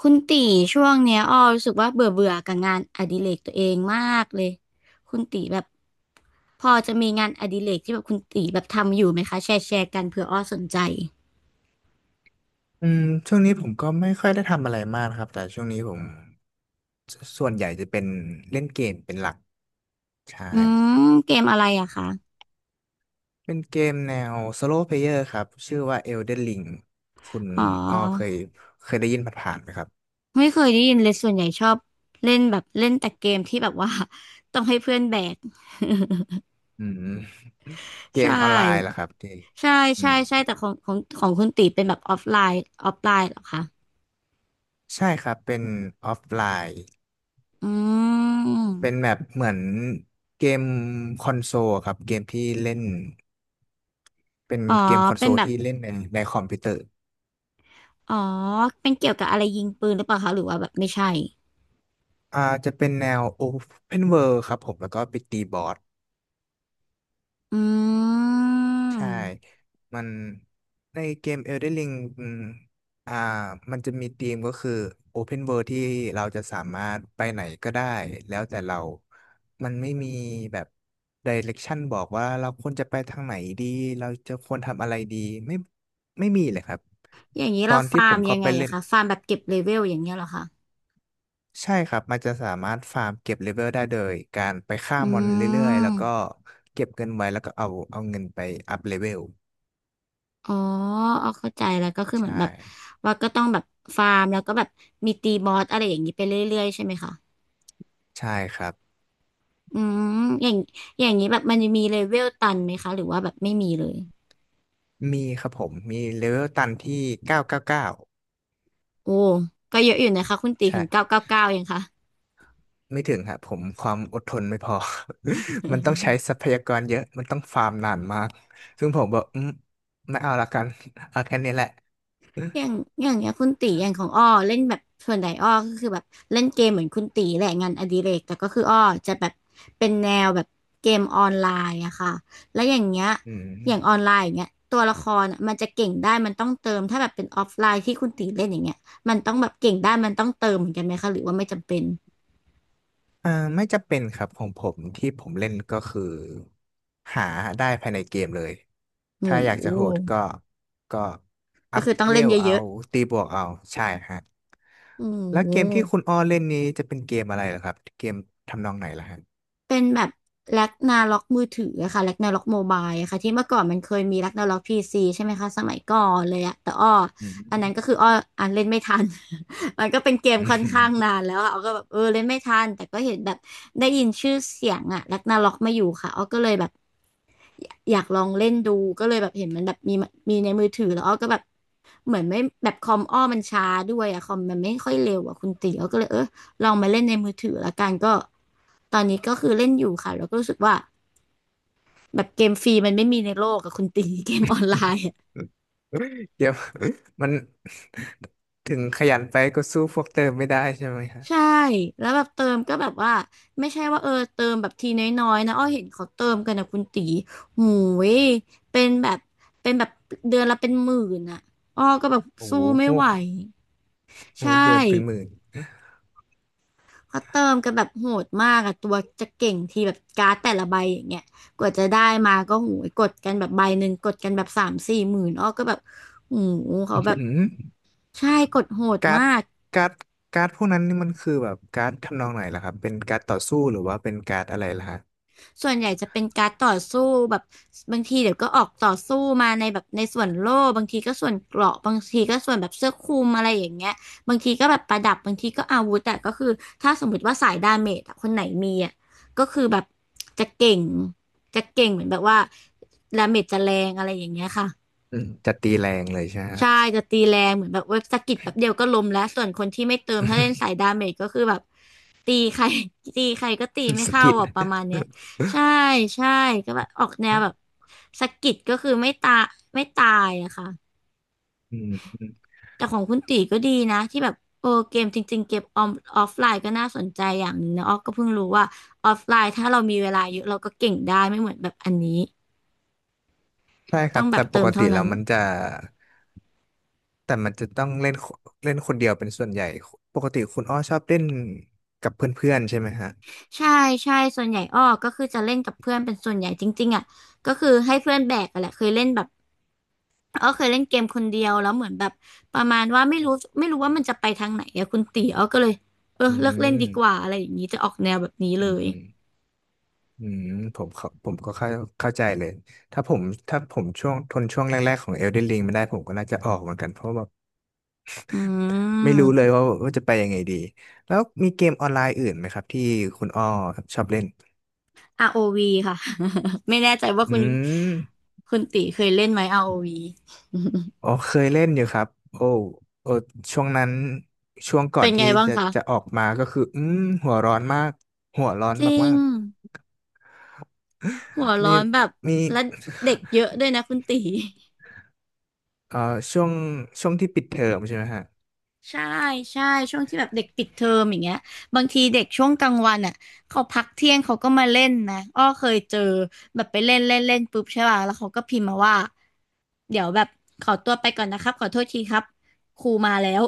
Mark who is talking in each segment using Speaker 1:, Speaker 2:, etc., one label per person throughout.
Speaker 1: คุณตีช่วงเนี้ยอ้อรู้สึกว่าเบื่อเบื่อกับงานอดิเรกตัวเองมากเลยคุณตีแบบพอจะมีงานอดิเรกที่แบบคุณตีแบบทำอยู่ไหมคะแชร์กันเผื่ออ้อสนใจ
Speaker 2: อืมช่วงนี้ผมก็ไม่ค่อยได้ทำอะไรมากนะครับแต่ช่วงนี้ผมสส่วนใหญ่จะเป็นเล่นเกมเป็นหลักใช่
Speaker 1: อืมเกมอะไรอะคะ
Speaker 2: เป็นเกมแนว Solo Player ครับชื่อว่า Elden Ring คุณ
Speaker 1: อ๋อ
Speaker 2: อ้อเคยได้ยินผ่านๆไหมครับ
Speaker 1: ไม่เคยได้ยินเลยส่วนใหญ่ชอบเล่นแบบเล่นแต่เกมที่แบบว่า ต้องให้เพื่อนแบก
Speaker 2: อืมเก
Speaker 1: ใช
Speaker 2: มออนไลน์ลรอ
Speaker 1: ่
Speaker 2: ครับที่
Speaker 1: ใช่
Speaker 2: อื
Speaker 1: ใช่
Speaker 2: ม
Speaker 1: ใช่แต่ของคุณตีเป็นแบบออฟไลน์ออฟไลน์เหรอคะ
Speaker 2: ใช่ครับเป็นออฟไลน์
Speaker 1: อืม
Speaker 2: เป็นแบบเหมือนเกมคอนโซลครับเกมที่เล่นเป็น
Speaker 1: อ๋อ
Speaker 2: เกมคอนโซ
Speaker 1: เป็น
Speaker 2: ล
Speaker 1: แบบ
Speaker 2: ที่เล่นในคอมพิวเตอร์
Speaker 1: อ๋อเป็นเกี่ยวกับอะไรยิงปืนหรือเปล่าคะหรือว่าแบบไม่ใช่
Speaker 2: อ่าจะเป็นแนว Open World ครับผมแล้วก็ไปตีบอส
Speaker 1: อื
Speaker 2: ใช่
Speaker 1: ม
Speaker 2: มันในเกม Elden Ring อืมอ่ามันจะมีธีมก็คือ Open World ที่เราจะสามารถไปไหนก็ได้แล้วแต่เรามันไม่มีแบบ Direction บอกว่าเราควรจะไปทางไหนดีเราจะควรทำอะไรดีไม่ไม่มีเลยครับ
Speaker 1: อย่างนี้
Speaker 2: ตอ
Speaker 1: เรา
Speaker 2: นที่
Speaker 1: ฟา
Speaker 2: ผ
Speaker 1: ร์ม
Speaker 2: ม
Speaker 1: ยั
Speaker 2: เข้า
Speaker 1: งไง
Speaker 2: ไปเล่
Speaker 1: อะ
Speaker 2: น
Speaker 1: คะฟาร์มแบบเก็บเลเวลอย่างเงี้ยเหรอคะ
Speaker 2: ใช่ครับมันจะสามารถฟาร์มเก็บเลเวลได้โดยการไปฆ่า
Speaker 1: อื
Speaker 2: มอนเรื่อยๆแล้วก็
Speaker 1: ม
Speaker 2: เก็บเงินไว้แล้วก็เอาเงินไปอัพเลเวล
Speaker 1: อ๋อเอาเข้าใจแล้วก็คือ
Speaker 2: ใช
Speaker 1: เหมือน
Speaker 2: ่
Speaker 1: แบบว่าก็ต้องแบบฟาร์มแล้วก็แบบมีตีบอสอะไรอย่างนี้ไปเรื่อยๆใช่ไหมคะ
Speaker 2: ใช่ครับ
Speaker 1: อืมอย่างอย่างนี้แบบมันจะมีเลเวลตันไหมคะหรือว่าแบบไม่มีเลย
Speaker 2: มีครับผมมีเลเวลตันที่999
Speaker 1: โอ้ก็เยอะอยู่นะคะคุณตี
Speaker 2: ใช่
Speaker 1: ถึงเก้าเก้าเก้ายังคะ
Speaker 2: ไม่ถึงครับผมความอดทนไม่พอ มันต้องใช้ทรัพยากรเยอะมันต้องฟาร์มนานมากซึ่งผมบอกไม่เอาละกันเอาแค่นี้แหละ
Speaker 1: อย่างอย่างเงี้ยคุณตีอย่างของอ้อเล่นแบบส่วนใหญ่อ้อก็คือแบบเล่นเกมเหมือนคุณตีแหละงานอดิเรกแต่ก็คืออ้อจะแบบเป็นแนวแบบเกมออนไลน์อะค่ะแล้วอย่างเงี้ย
Speaker 2: อืม
Speaker 1: อย่างออนไลน์อย่างเงี้ยตัวละครอะมันจะเก่งได้มันต้องเติมถ้าแบบเป็นออฟไลน์ที่คุณตีเล่นอย่างเงี้ยมันต้องแบบเก่งได้มันต้องเติมเหมือนกันไหมคะหรือว่าไม่จำเป็น
Speaker 2: เอ่อไม่จะเป็นครับของผมที่ผมเล่นก็คือหาได้ภายในเกมเลย
Speaker 1: โอ้
Speaker 2: ถ้าอยาก
Speaker 1: โห
Speaker 2: จะโหดก็ก็อั
Speaker 1: ก็
Speaker 2: พ
Speaker 1: คือต้อง
Speaker 2: เว
Speaker 1: เล่น
Speaker 2: ล
Speaker 1: เย
Speaker 2: เอา
Speaker 1: อะ
Speaker 2: ตีบวกเอาใช่ฮะ
Speaker 1: ๆโอ้
Speaker 2: แล้ว
Speaker 1: โห
Speaker 2: เกมที่คุณอ้อเล่นนี้จะเป็นเกมอะไรเหรอครับเกมทำนองไหนล่ะฮะ
Speaker 1: เป็นแบบแร็กนาล็อกมือถืออะค่ะแร็กนาล็อกโมบายอะค่ะที่เมื่อก่อนมันเคยมีแร็กนาล็อกพีซีใช่ไหมคะสมัยก่อนเลยอะแต่อ้อ
Speaker 2: อื
Speaker 1: อันนั้นก็
Speaker 2: ม
Speaker 1: คืออ้ออ่านเล่นไม่ทัน มันก็เป็นเกม
Speaker 2: อื
Speaker 1: ค่อน
Speaker 2: ม
Speaker 1: ข้าง นานแล้วอะอ้อก็แบบเออเล่นไม่ทันแต่ก็เห็นแบบได้ยินชื่อเสียงอะแร็กนาล็อกมาอยู่ค่ะอ้อก็เลยแบบอยากลองเล่นดูก็เลยแบบเห็นมันแบบมีในมือถือแล้วอ้อก็แบบเหมือนไม่แบบคอมอ้อมันช้าด้วยอะคอมมันไม่ค่อยเร็วอะคุณตีอ้อก็เลยเออ ลองมาเล่นในมือถือละกันก็ตอนนี้ก็คือเล่นอยู่ค่ะแล้วก็รู้สึกว่าแบบเกมฟรีมันไม่มีในโลกกับคุณตี เกมออนไลน์อะ
Speaker 2: เดี๋ยว มันถึงขยันไปก็สู้พวกเติมไม่ได้ใช่ไหมฮะ
Speaker 1: ใช่แล้วแบบเติมก็แบบว่าไม่ใช่ว่าเออเติมแบบทีน้อยๆนะอ้อเห็นเขาเติมกันนะคุณตีหูยเป็นแบบเป็นแบบเดือนละเป็นหมื่นอ่ะอ้อก็แบบ
Speaker 2: โอ้
Speaker 1: สู้
Speaker 2: โห
Speaker 1: ไม่
Speaker 2: พว
Speaker 1: ไหว
Speaker 2: กโอ้
Speaker 1: ใช
Speaker 2: โหเดือนเป็นห
Speaker 1: ่
Speaker 2: มื่น
Speaker 1: เขาเติมกันแบบโหดมากอะตัวจะเก่งทีแบบการ์ดแต่ละใบอย่างเงี้ยกว่าจะได้มาก็หูยกดกันแบบใบหนึ่งกดกันแบบสามสี่หมื่นอ้อก็แบบหูเขาแบบ
Speaker 2: อืม
Speaker 1: ใช่กดโหด
Speaker 2: การ์ด
Speaker 1: มาก
Speaker 2: การ์ดการ์ดพวกนั้นนี่มันคือแบบการ์ดทำนองไหนล่ะครับเป็นการ์ดต่อสู้หรือว่าเป็นการ์ดอะไรล่ะฮะ
Speaker 1: ส่วนใหญ่จะเป็นการต่อสู้แบบบางทีเดี๋ยวก็ออกต่อสู้มาในแบบในส่วนโล่บางทีก็ส่วนเกราะบางทีก็ส่วนแบบเสื้อคลุมอะไรอย่างเงี้ยบางทีก็แบบประดับบางทีก็อาวุธแต่ก็คือถ้าสมมติว่าสายดาเมจอะคนไหนมีอะก็คือแบบจะเก่งจะเก่งเหมือนแบบว่าดาเมจจะแรงอะไรอย่างเงี้ยค่ะ
Speaker 2: อืมจะตีแรงเลยใช่ไหมฮะ
Speaker 1: ใช่จะตีแรงเหมือนแบบเว็บสะกิดแป๊บเดียวก็ล้มแล้วส่วนคนที่ไม่เติมถ้าเล่นสายดาเมจก็คือแบบตีใคร ตีใครก็ตีไม่
Speaker 2: สะ
Speaker 1: เข้า
Speaker 2: กิด
Speaker 1: อ่ะประมาณเนี้ยใช่ใช่ก็แบบออกแนวแบบ สะกิดก็คือไม่ตายอะค่ะ
Speaker 2: อืม
Speaker 1: แต่ของคุณตีก็ดีนะที่แบบโอ้เกมจริงๆเกบออมออฟไลน์ก็น่าสนใจอย่างหนึ่งนะออกก็เพิ่งรู้ว่าออฟไลน์ถ้าเรามีเวลาเยอะเราก็เก่งได้ไม่เหมือนแบบอันนี้
Speaker 2: ใช่ค
Speaker 1: ต้
Speaker 2: รั
Speaker 1: อ
Speaker 2: บ
Speaker 1: งแบ
Speaker 2: แต่
Speaker 1: บ
Speaker 2: ป
Speaker 1: เติ
Speaker 2: ก
Speaker 1: ม
Speaker 2: ติ
Speaker 1: เท่า
Speaker 2: แล้
Speaker 1: นั้น
Speaker 2: วมันจะแต่มันจะต้องเล่นคเล่นคนเดียวเป็นส่วนใหญ่ปกติคุณอ้อชอบเล่นกับเพื่อนๆใช่ไหมฮะ
Speaker 1: ใช่ใช่ส่วนใหญ่อ้อก็คือจะเล่นกับเพื่อนเป็นส่วนใหญ่จริงๆอ่ะก็คือให้เพื่อนแบกอะแหละเคยเล่นแบบอ้อเคยเล่นเกมคนเดียวแล้วเหมือนแบบประมาณว่าไม่รู้ว่ามันจะไปทางไหนอะคุณตีอ้อก็เลยเออ
Speaker 2: อื
Speaker 1: เลิกเล่นดีกว่า
Speaker 2: ม
Speaker 1: อะไรอย่างนี้จะออกแนวแบบนี้เล
Speaker 2: อื
Speaker 1: ย
Speaker 2: มอืมผมก็เข้าใจเลยถ้าผมถ้าผมช่วงทนช่วงแรกๆของ Elden Ring ไม่ได้ผมก็น่าจะออกเหมือนกันเพราะว่า
Speaker 1: อื
Speaker 2: ไม่รู้เลย
Speaker 1: ม
Speaker 2: ว่าจะไปยังไงดี แล้วมีเกมออนไลน์อื่นไหมครับที่คุณอ้อครับชอบเล่น
Speaker 1: ROV ค่ะ ไม่แน่ใจว่า
Speaker 2: อื
Speaker 1: คุณ
Speaker 2: ม
Speaker 1: คุณตีเคยเล่นไหม ROV
Speaker 2: อ๋อเคยเล่นอยู่ครับโอ้โอ้ช่วงนั้นช่วง ก่อ
Speaker 1: เป็
Speaker 2: น
Speaker 1: นไง
Speaker 2: ที่
Speaker 1: บ้าง
Speaker 2: จะ
Speaker 1: คะ
Speaker 2: จะออกมาก็คืออืมหัวร้อนมาก หัวร้อน
Speaker 1: จริ
Speaker 2: มา
Speaker 1: ง
Speaker 2: ก
Speaker 1: หัว
Speaker 2: ๆ
Speaker 1: ร้
Speaker 2: มี
Speaker 1: อนแบบ
Speaker 2: มี
Speaker 1: และเด็กเยอะด้วยนะคุณตี
Speaker 2: เอ่อช่วงช่วงที่ปิดเทอมใช่ไหมฮะ
Speaker 1: ใช่ใช่ช่วงที่แบบเด็กปิดเทอมอย่างเงี้ยบางทีเด็กช่วงกลางวันอ่ะเขาพักเที่ยงเขาก็มาเล่นนะอ้อเคยเจอแบบไปเล่นเล่นเล่นปุ๊บใช่ป่ะแล้วเขาก็พิมพ์มาว่าเดี๋ยวแบบขอตัวไปก่อนนะครับขอโทษทีครับครูมาแล้ว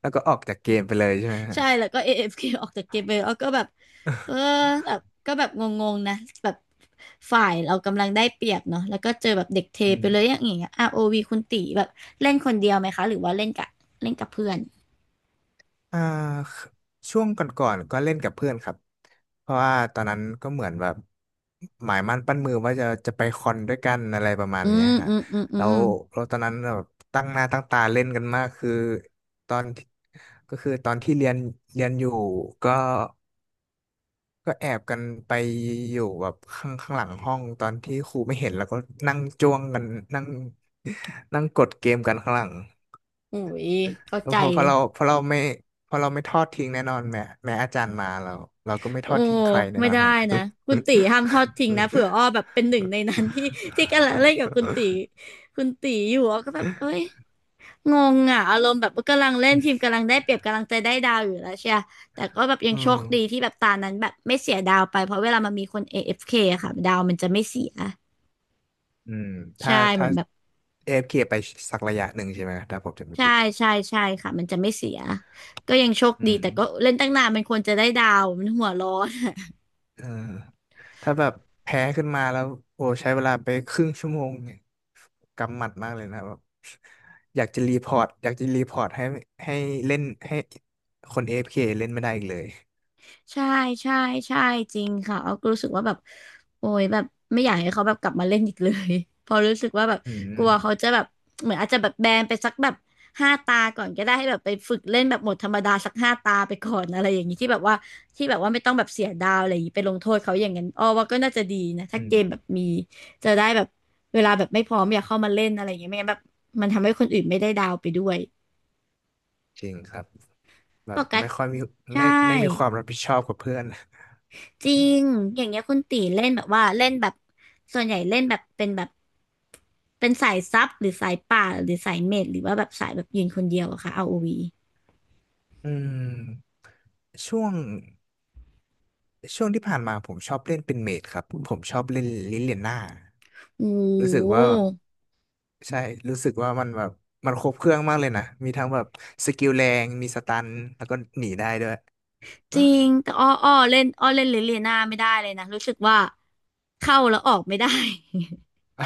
Speaker 2: แล้วก็ออกจากเกมไปเลยใช่ไหม ฮะ
Speaker 1: ใช่แล้วก็ AFK อเอฟเคออกจากเกมไปอ้อก็แบบเออ แบบก็แบบงงๆนะแบบฝ่ายเรากำลังได้เปรียบเนาะแล้วก็เจอแบบเด็กเท
Speaker 2: อื
Speaker 1: ไปเลยอ
Speaker 2: ม
Speaker 1: ย่างเงี้ยอาร์โอวีคุณตีแบบเล่นคนเดียวไหมคะหรือว่าเล่นกับเพื่อน
Speaker 2: อ่าช่วงก่อนๆก็เล่นกับเพื่อนครับเพราะว่าตอนนั้นก็เหมือนแบบหมายมั่นปั้นมือว่าจะไปคอนด้วยกันอะไรประมาณ
Speaker 1: อื
Speaker 2: เนี้ย
Speaker 1: ม
Speaker 2: ฮะ
Speaker 1: อืมอืมอื
Speaker 2: แล้
Speaker 1: ม
Speaker 2: วเราตอนนั้นแบบตั้งหน้าตั้งตาเล่นกันมากคือตอนก็คือตอนที่เรียนอยู่ก็แอบกันไปอยู่แบบข้างหลังห้องตอนที่ครูไม่เห็นแล้วก็นั่งจ้วงกันนั่งนั่งกดเกมกันข้างหลัง
Speaker 1: โอ้ยเข้า
Speaker 2: เพ
Speaker 1: ใจ
Speaker 2: ราะเพ
Speaker 1: เล
Speaker 2: รา
Speaker 1: ย
Speaker 2: เราพอเราไม่ทอดทิ้งแน่นอนแม้อาจารย์มาเราก็ไม่ท
Speaker 1: โอ้
Speaker 2: อดทิ้งใครแน่
Speaker 1: ไม่
Speaker 2: นอน
Speaker 1: ได้
Speaker 2: ฮะ
Speaker 1: นะ คุณตีห้ามทอดทิ้งนะเผื่ออ้อแบบเป็นหนึ่งในนั้น ที่กำลังเล่นกับคุณตีคุณตีอยู่อ้อก็แบบเอ้ยงงอ่ะอารมณ์แบบกำลังเล่นทีมกำลังได้เปรียบกำลังใจะได้ดาวอยู่แล้วใช่ปะแต่ก็แบบยั
Speaker 2: อื
Speaker 1: งโชค
Speaker 2: ม
Speaker 1: ดีที่แบบตานั้นแบบไม่เสียดาวไป เพราะเวลามันมีคน AFK อเอฟเคอะค่ะดาวมันจะไม่เสีย
Speaker 2: อืมถ้า
Speaker 1: ใช่เหมื
Speaker 2: ถ้า
Speaker 1: อนแบบ
Speaker 2: AFK ไปสักระยะหนึ่งใช่ไหมถ้าผมจะไม่
Speaker 1: ใช่
Speaker 2: ผิด
Speaker 1: ใช่ใช่ค่ะมันจะไม่เสีย ก็ยังโชค
Speaker 2: อื
Speaker 1: ดี
Speaker 2: ม
Speaker 1: แต่ก็เล่นตั้งนานมันควรจะได้ดาวมันหัวร้อน
Speaker 2: เออถ้าแบบแพ้ขึ้นมาแล้วโอ้ใช้เวลาไปครึ่งชั่วโมงเนี่ยกำหมัดมากเลยนะแบบอยากจะรีพอร์ตอยากจะรีพอร์ตให้ให้เล่นให้คน AFK เอฟเคเล่นไม่ได้อีกเลย
Speaker 1: ใช่ใช่ใช่จริงค่ะเอาก็รู้สึกว่าแบบโอ้ยแบบไม่อยากให้เขาแบบกลับมาเล่นอีกเลย พอรู้สึกว่าแบบ
Speaker 2: อื
Speaker 1: ก
Speaker 2: ม
Speaker 1: ลัวเขาจะแบบเหมือนอาจจะแบบแบนไปสักแบบห้าตาก่อนก็ได้ให้แบบไปฝึกเล่นแบบหมดธรรมดาสักห้าตาไปก่อนอะไรอย่างนี้ที่แบบว่าไม่ต้องแบบเสียดาวอะไรอย่างนี้ไปลงโทษเขาอย่างนั้นอ้อว่าก็น่าจะดีนะถ้า
Speaker 2: อื
Speaker 1: เก
Speaker 2: ม
Speaker 1: มแบบมีจะได้แบบเวลาแบบไม่พร้อมอยากเข้ามาเล่นอะไรอย่างเงี้ยไม่งั้นแบบมันทำให้คนอื่นไม่ได้ดาวไปด้วย
Speaker 2: จริงครับแบ
Speaker 1: ป
Speaker 2: บ
Speaker 1: กัส
Speaker 2: ไม่ค่อยมี
Speaker 1: ใช่
Speaker 2: ไม่ไม่มีความรับผิดชอบกับเพื่อน
Speaker 1: จริง อย่างเงี้ยคุณตีเล่นแบบว่าเล่นแบบส่วนใหญ่เล่นแบบเป็นแบบเป็นสายซับหรือสายป่าหรือสายเมจหรือว่าแบบสายแบบยืนคนเดียวอะค่ะ ROV โอวี
Speaker 2: อืมช่วงที่ผ่านมาผมชอบเล่นเป็นเมจครับผมชอบเล่นลิเลียน่า
Speaker 1: โอ้
Speaker 2: รู้สึก
Speaker 1: โห
Speaker 2: ว่าใช่รู้สึกว่ามันแบบมันครบเครื่องมากเลยนะมีทั้งแบบสกิลแรงมีสตันแล้วก็หนีได้ด้วย
Speaker 1: จริงแต่ อ้ออ้อเล่นลิเลียนาไม่ได้เลยนะรู้สึกว่าเข้าแล้วออกไม่ได้
Speaker 2: อ๋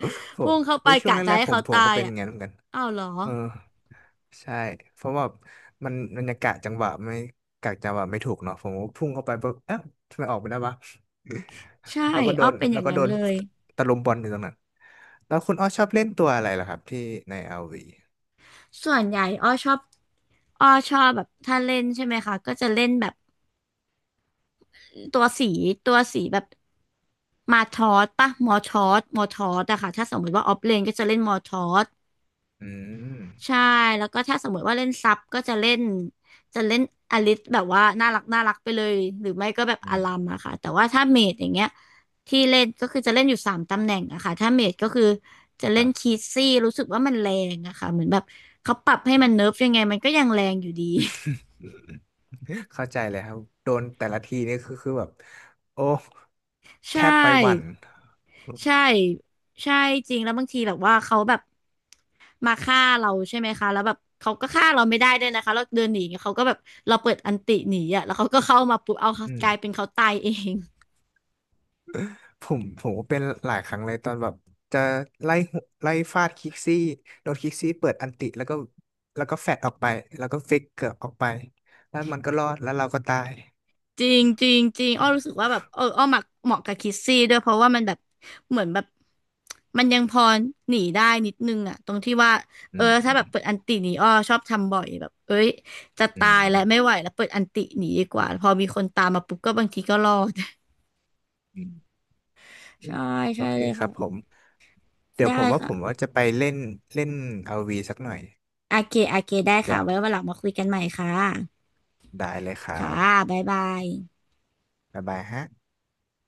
Speaker 2: อผ
Speaker 1: พุ่
Speaker 2: ม
Speaker 1: งเข้าไป
Speaker 2: เฮ้ยช่วง
Speaker 1: กะจะ
Speaker 2: แรก
Speaker 1: ให้
Speaker 2: ๆผม
Speaker 1: เขา
Speaker 2: ผม
Speaker 1: ตา
Speaker 2: ก็
Speaker 1: ย
Speaker 2: เป็นอ
Speaker 1: อ่ะ
Speaker 2: ย่างนั้นเหมือนกัน
Speaker 1: อ้าวเหรอ
Speaker 2: เออ ใช่เพราะว่ามันยังกะจังหวะไม่ถูกเนาะผมก็พุ่งเข้าไปปุ๊บเอ๊ะทำไมออกไม่ได้วะ
Speaker 1: ใช่
Speaker 2: แล้วก็โด
Speaker 1: อ้อ
Speaker 2: น
Speaker 1: เป็นอ
Speaker 2: แล้
Speaker 1: ย่า
Speaker 2: ว
Speaker 1: ง
Speaker 2: ก็
Speaker 1: นั้
Speaker 2: โด
Speaker 1: น
Speaker 2: น
Speaker 1: เลย
Speaker 2: ตะลุมบอลอยู่ตรงนั้นแล้วคุณอ้อชอบเล่นตัวอะไรล่ะครับที่ในอาร์ว v
Speaker 1: ส่วนใหญ่อ้อชอบอ้อชอบแบบถ้าเล่นใช่ไหมคะก็จะเล่นแบบ ตัวสีตัวสีแบบมาทอสปะมอทอสมอทอสอะค่ะถ้าสมมติว่าออฟเลนก็จะเล่นมอทอส
Speaker 2: อืม
Speaker 1: ใช่แล้วก็ถ้าสมมติว่าเล่นซับก็จะเล่นจะเล่นอลิสแบบว่าน่ารักไปเลยหรือไม่ก็แบบ
Speaker 2: อื
Speaker 1: อา
Speaker 2: ม
Speaker 1: รัมอะค่ะแต่ว่าถ้าเมจอย่างเงี้ยที่เล่นก็คือจะเล่นอยู่สามตำแหน่งอะค่ะถ้าเมจก็คือจะ
Speaker 2: ค
Speaker 1: เล่น
Speaker 2: รับ
Speaker 1: คีซี่รู้สึกว่ามันแรงอะค่ะเหมือนแบบเขาปรับให้มันเนิร์ฟยังไงมันก็ยังแรงอยู่ดี
Speaker 2: เข้าใจเลยครับโดนแต่ละทีนี่คือแบบโอ้
Speaker 1: ใช
Speaker 2: แทบไปหวั่น
Speaker 1: ่ใช่ใช่จริงแล้วบางทีแบบว่าเขาแบบมาฆ่าเราใช่ไหมคะแล้วแบบเขาก็ฆ่าเราไม่ได้ด้วยนะคะเราเดินหนีเขาก็แบบเราเปิดอันติหนีอ่ะแล้วเขาก็เข้ามาปุ๊บเอา
Speaker 2: อืม
Speaker 1: กลายเป็นเขาตายเอง
Speaker 2: ผมก็เป็นหลายครั้งเลยตอนแบบจะไล่หุไล่ฟาดคิกซี่โดนคิกซี่เปิดอันติแล้วก็แฟดออกไปแล้วก็ฟิกเกืร์ออกไปแล้วมันก็รอดแล้วเราก็ตาย
Speaker 1: จริงจริงจริงอ้อรู้สึกว่าแบบเอออ้อมักเหมาะกับคิสซี่ด้วยเพราะว่ามันแบบเหมือนแบบมันยังพอหนีได้นิดนึงอะตรงที่ว่า
Speaker 2: อื
Speaker 1: เออถ้าแบบเปิ
Speaker 2: ม
Speaker 1: ดอันติหนีอ้อชอบทำบ่อยแบบเอ้ยจะ
Speaker 2: อื
Speaker 1: ตายแล้วไม่
Speaker 2: ม
Speaker 1: ไหวแล้วเปิดอันติหนีดีกว่าพอมีคนตามมาปุ๊บก็บางทีก็รอด
Speaker 2: อืมอืม เอ้
Speaker 1: ใช่
Speaker 2: ยโอ
Speaker 1: ใช่
Speaker 2: เค
Speaker 1: เลย
Speaker 2: ครั
Speaker 1: ค่ะ
Speaker 2: บผมเดี๋ยว
Speaker 1: ได้
Speaker 2: ผมว่าผ
Speaker 1: ค่ะ
Speaker 2: มว่าจะไปเล่นเล่นอาร์วีสักหน่อย
Speaker 1: โอเคได้
Speaker 2: เดี๋
Speaker 1: ค่ะ
Speaker 2: ยว
Speaker 1: ไว้วันหลังมาคุยกันใหม่ค่ะ
Speaker 2: ได้เลยครั
Speaker 1: ค่ะ
Speaker 2: บ
Speaker 1: บ๊ายบาย
Speaker 2: บ๊ายบายฮะ